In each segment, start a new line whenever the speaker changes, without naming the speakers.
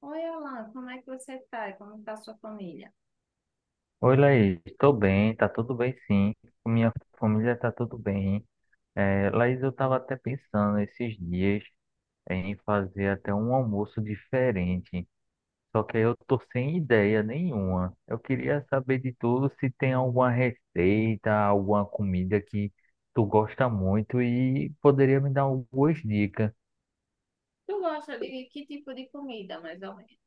Oi, Alan, como é que você tá? E como tá a sua família?
Oi, Laís, estou bem, tá tudo bem sim, com minha família tá tudo bem. É, Laís, eu estava até pensando esses dias em fazer até um almoço diferente, só que aí eu tô sem ideia nenhuma. Eu queria saber de tudo se tem alguma receita, alguma comida que tu gosta muito e poderia me dar algumas dicas.
Tu gosta de que tipo de comida, mais ou menos?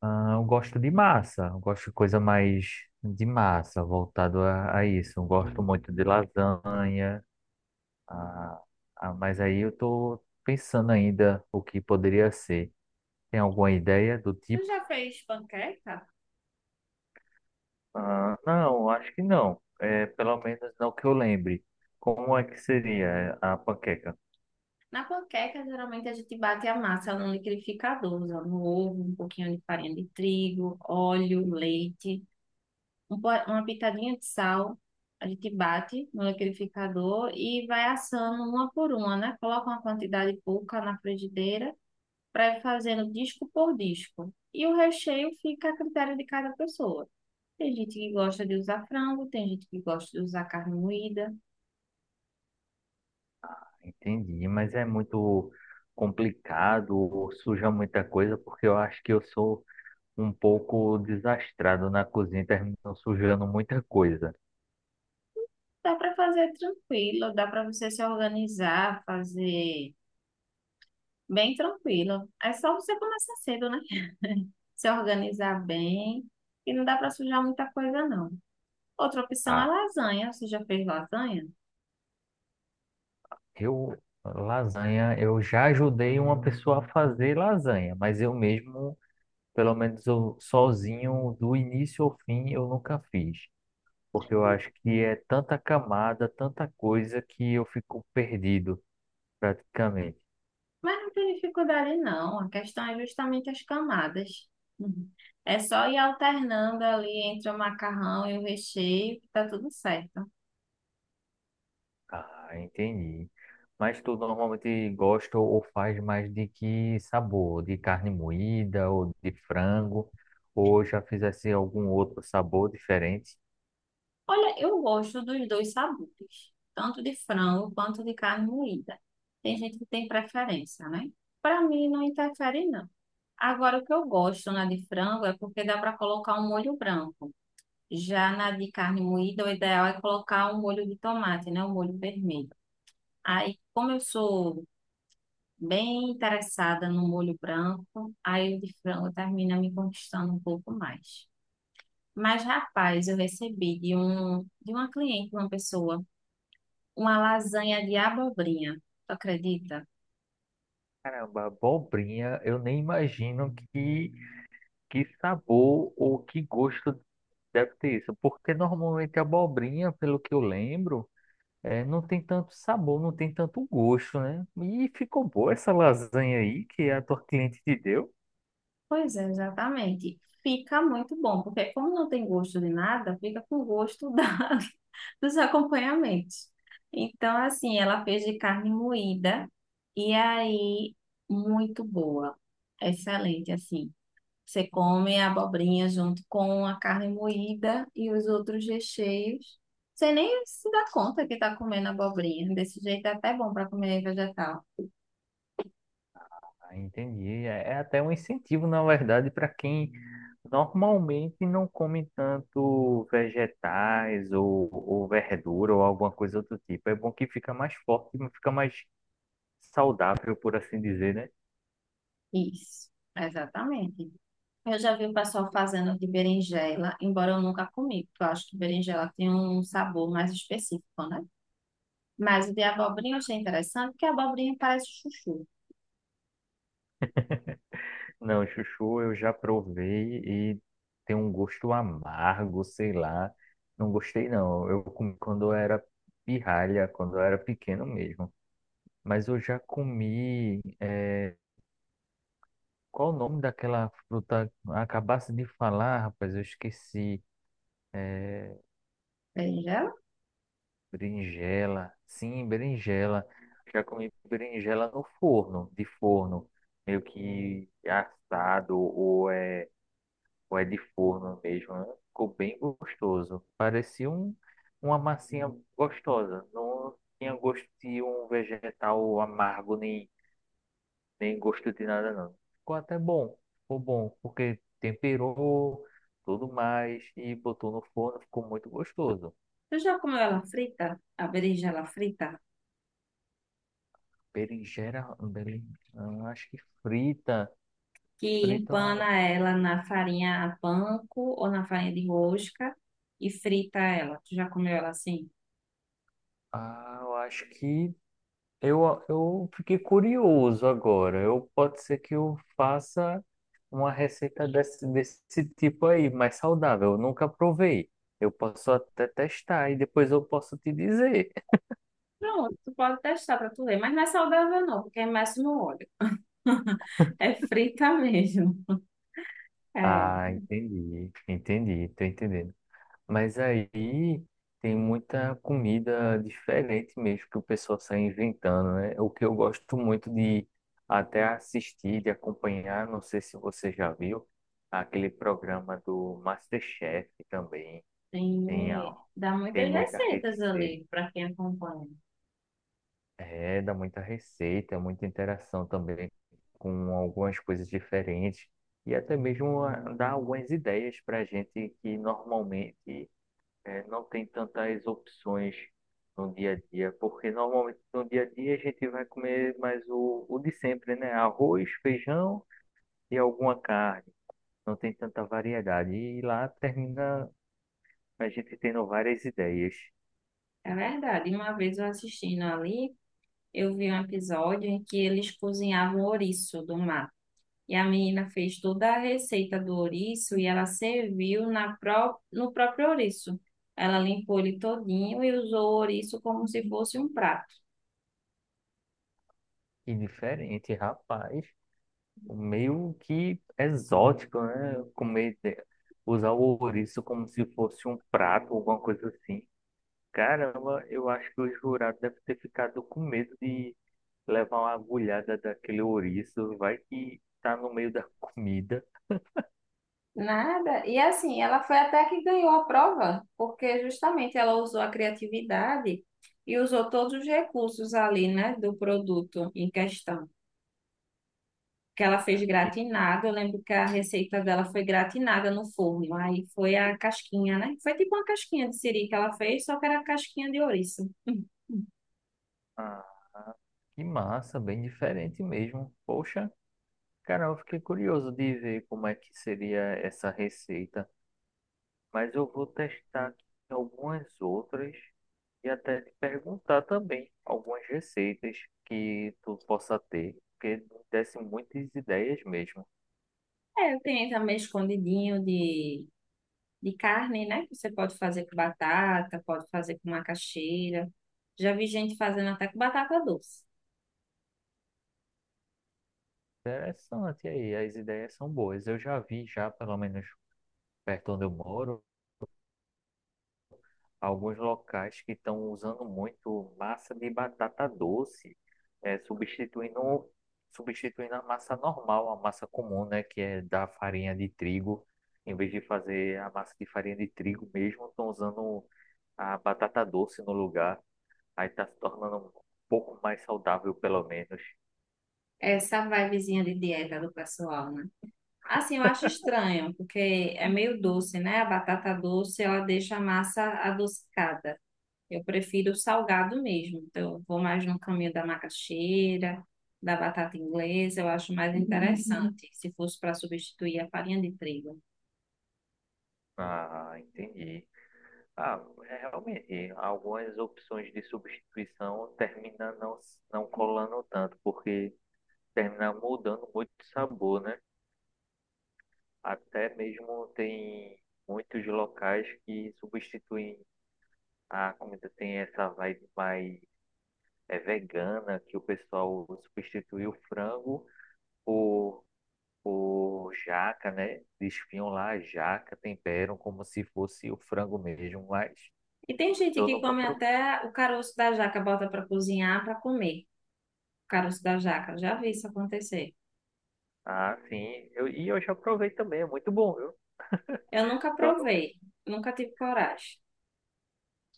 Ah, eu gosto de massa, eu gosto de coisa mais de massa, voltado a isso. Eu gosto muito de lasanha. Ah, mas aí eu tô pensando ainda o que poderia ser. Tem alguma ideia do
Tu
tipo?
já fez panqueca?
Ah, não, acho que não. É, pelo menos não que eu lembre. Como é que seria a panqueca?
Na panqueca, geralmente a gente bate a massa no liquidificador, usando um ovo, um pouquinho de farinha de trigo, óleo, leite, uma pitadinha de sal. A gente bate no liquidificador e vai assando uma por uma, né? Coloca uma quantidade pouca na frigideira para ir fazendo disco por disco. E o recheio fica a critério de cada pessoa. Tem gente que gosta de usar frango, tem gente que gosta de usar carne moída.
Entendi, mas é muito complicado, ou suja muita coisa, porque eu acho que eu sou um pouco desastrado na cozinha, termino sujando muita coisa.
Dá para fazer tranquilo, dá para você se organizar, fazer bem tranquilo. É só você começar cedo, né? Se organizar bem e não dá para sujar muita coisa, não. Outra opção é
Ah,
lasanha. Você já fez lasanha?
eu, lasanha, eu já ajudei uma pessoa a fazer lasanha, mas eu mesmo. Pelo menos eu sozinho, do início ao fim, eu nunca fiz. Porque eu acho que é tanta camada, tanta coisa que eu fico perdido, praticamente.
Mas não tem dificuldade, não. A questão é justamente as camadas. Uhum. É só ir alternando ali entre o macarrão e o recheio, que tá tudo certo.
Ah, entendi. Mas tu normalmente gosta ou faz mais de que sabor? De carne moída ou de frango? Ou já fizesse algum outro sabor diferente?
Olha, eu gosto dos dois sabores, tanto de frango quanto de carne moída. Tem gente que tem preferência, né? Para mim não interfere não. Agora o que eu gosto na de frango é porque dá para colocar um molho branco. Já na de carne moída, o ideal é colocar um molho de tomate, né? Um molho vermelho. Aí, como eu sou bem interessada no molho branco, aí o de frango termina me conquistando um pouco mais. Mas, rapaz, eu recebi de uma cliente, uma pessoa uma lasanha de abobrinha. Tu acredita?
Caramba, abobrinha, eu nem imagino que sabor ou que gosto. Deve ter isso, porque normalmente a abobrinha, pelo que eu lembro, não tem tanto sabor, não tem tanto gosto, né? E ficou boa essa lasanha aí que a tua cliente te deu.
Pois é, exatamente. Fica muito bom, porque como não tem gosto de nada, fica com gosto da, dos acompanhamentos. Então, assim, ela fez de carne moída e aí muito boa. Excelente, assim. Você come a abobrinha junto com a carne moída e os outros recheios. Você nem se dá conta que está comendo abobrinha. Desse jeito é até bom para comer vegetal.
Ah, entendi. É, é até um incentivo, na verdade, para quem normalmente não come tanto vegetais ou verdura ou alguma coisa do tipo. É bom que fica mais forte, fica mais saudável, por assim dizer, né?
Isso, exatamente. Eu já vi o pessoal fazendo de berinjela, embora eu nunca comi, porque eu acho que berinjela tem um sabor mais específico, né? Mas o de abobrinha eu achei interessante, porque a abobrinha parece chuchu.
Não, chuchu eu já provei e tem um gosto amargo, sei lá. Não gostei, não. Eu comi quando eu era pirralha, quando eu era pequeno mesmo. Mas eu já comi. Qual o nome daquela fruta? Acabasse de falar, rapaz, eu esqueci. É...
Berinjela?
Berinjela. Sim, berinjela. Já comi berinjela no forno, de forno, meio que assado ou é de forno mesmo, né? Ficou bem gostoso. Parecia uma massinha gostosa. Não tinha gosto de um vegetal amargo, nem gosto de nada, não. Ficou até bom. Ficou bom, porque temperou tudo mais e botou no forno, ficou muito gostoso.
Tu já comeu ela frita? A berinjela frita?
Berinjela, acho que frita.
Que
Frita,
empana ela na farinha panko ou na farinha de rosca e frita ela. Tu já comeu ela assim?
ah, eu acho que eu fiquei curioso agora. Eu pode ser que eu faça uma receita desse tipo aí, mais saudável. Eu nunca provei. Eu posso até testar e depois eu posso te dizer.
Pronto, tu pode testar pra tu ver, mas não é saudável não, porque é mais no óleo. É frita mesmo. É.
Ah, entendi, entendi, tô entendendo. Mas aí tem muita comida diferente mesmo que o pessoal sai inventando, né? O que eu gosto muito de até assistir, de acompanhar, não sei se você já viu, aquele programa do MasterChef também. Tem,
Tem, dá
tem
muitas
muita
receitas
receita.
ali para quem acompanha.
É, dá muita receita, muita interação também com algumas coisas diferentes. E até mesmo dá algumas ideias para a gente que normalmente não tem tantas opções no dia a dia, porque normalmente no dia a dia a gente vai comer mais o de sempre, né? Arroz, feijão e alguma carne. Não tem tanta variedade. E lá termina a gente tendo várias ideias.
É verdade. Uma vez eu assistindo ali, eu vi um episódio em que eles cozinhavam ouriço do mar. E a menina fez toda a receita do ouriço e ela serviu na pró no próprio ouriço. Ela limpou ele todinho e usou o ouriço como se fosse um prato.
E diferente, rapaz. Meio que exótico, né? Comer, usar o ouriço como se fosse um prato, alguma coisa assim. Caramba, eu acho que o jurado deve ter ficado com medo de levar uma agulhada daquele ouriço. Vai que tá no meio da comida.
Nada. E assim, ela foi até que ganhou a prova, porque justamente ela usou a criatividade e usou todos os recursos ali, né, do produto em questão. Que ela fez
Ah, que,
gratinado, eu lembro que a receita dela foi gratinada no forno, aí foi a casquinha, né? Foi tipo uma casquinha de siri que ela fez, só que era casquinha de ouriça.
ah, que massa, bem diferente mesmo. Poxa, cara, eu fiquei curioso de ver como é que seria essa receita. Mas eu vou testar aqui algumas outras e até te perguntar também algumas receitas que tu possa ter, porque me desse muitas ideias mesmo.
É, tem também escondidinho de carne, né? Que você pode fazer com batata, pode fazer com macaxeira. Já vi gente fazendo até com batata doce.
Interessante aí, as ideias são boas. Eu já vi já, pelo menos perto onde eu moro, alguns locais que estão usando muito massa de batata doce, é, substituindo, substituindo a massa normal, a massa comum, né, que é da farinha de trigo. Em vez de fazer a massa de farinha de trigo mesmo, estão usando a batata doce no lugar. Aí está se tornando um pouco mais saudável, pelo menos.
Essa vibezinha de dieta do pessoal, né? Assim, eu acho estranho, porque é meio doce, né? A batata doce, ela deixa a massa adocicada. Eu prefiro o salgado mesmo. Então, eu vou mais no caminho da macaxeira, da batata inglesa, eu acho mais interessante, se fosse para substituir a farinha de trigo.
Ah, entendi. Ah, é, realmente, algumas opções de substituição terminam não, não colando tanto, porque termina mudando muito o sabor, né? Até mesmo tem muitos locais que substituem a comida, tem essa vibe mais vegana, que o pessoal substitui o frango por, por jaca, né? Desfiam lá a jaca, temperam como se fosse o frango mesmo, mas
E tem gente
eu
que
nunca.
come até o caroço da jaca, bota para cozinhar para comer. O caroço da jaca, já vi isso acontecer.
Ah, sim. E eu já provei também, é muito bom, viu?
Eu nunca
Só não,
provei, nunca tive coragem.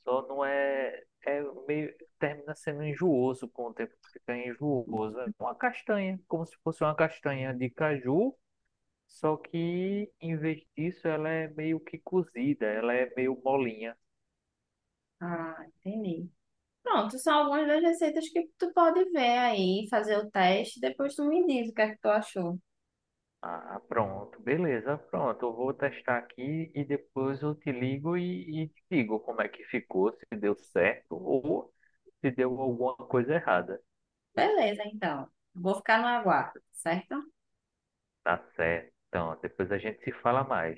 só não é, é meio, termina sendo enjooso com o tempo, fica enjooso. É uma castanha, como se fosse uma castanha de caju, só que em vez disso ela é meio que cozida, ela é meio molinha.
Ah, entendi. Pronto, são algumas das receitas que tu pode ver aí, fazer o teste, depois tu me diz o que é que tu achou.
Ah, pronto, beleza, pronto. Eu vou testar aqui e depois eu te ligo e te digo como é que ficou, se deu certo ou se deu alguma coisa errada.
Beleza, então. Vou ficar no aguardo, certo?
Tá certo. Então, depois a gente se fala mais.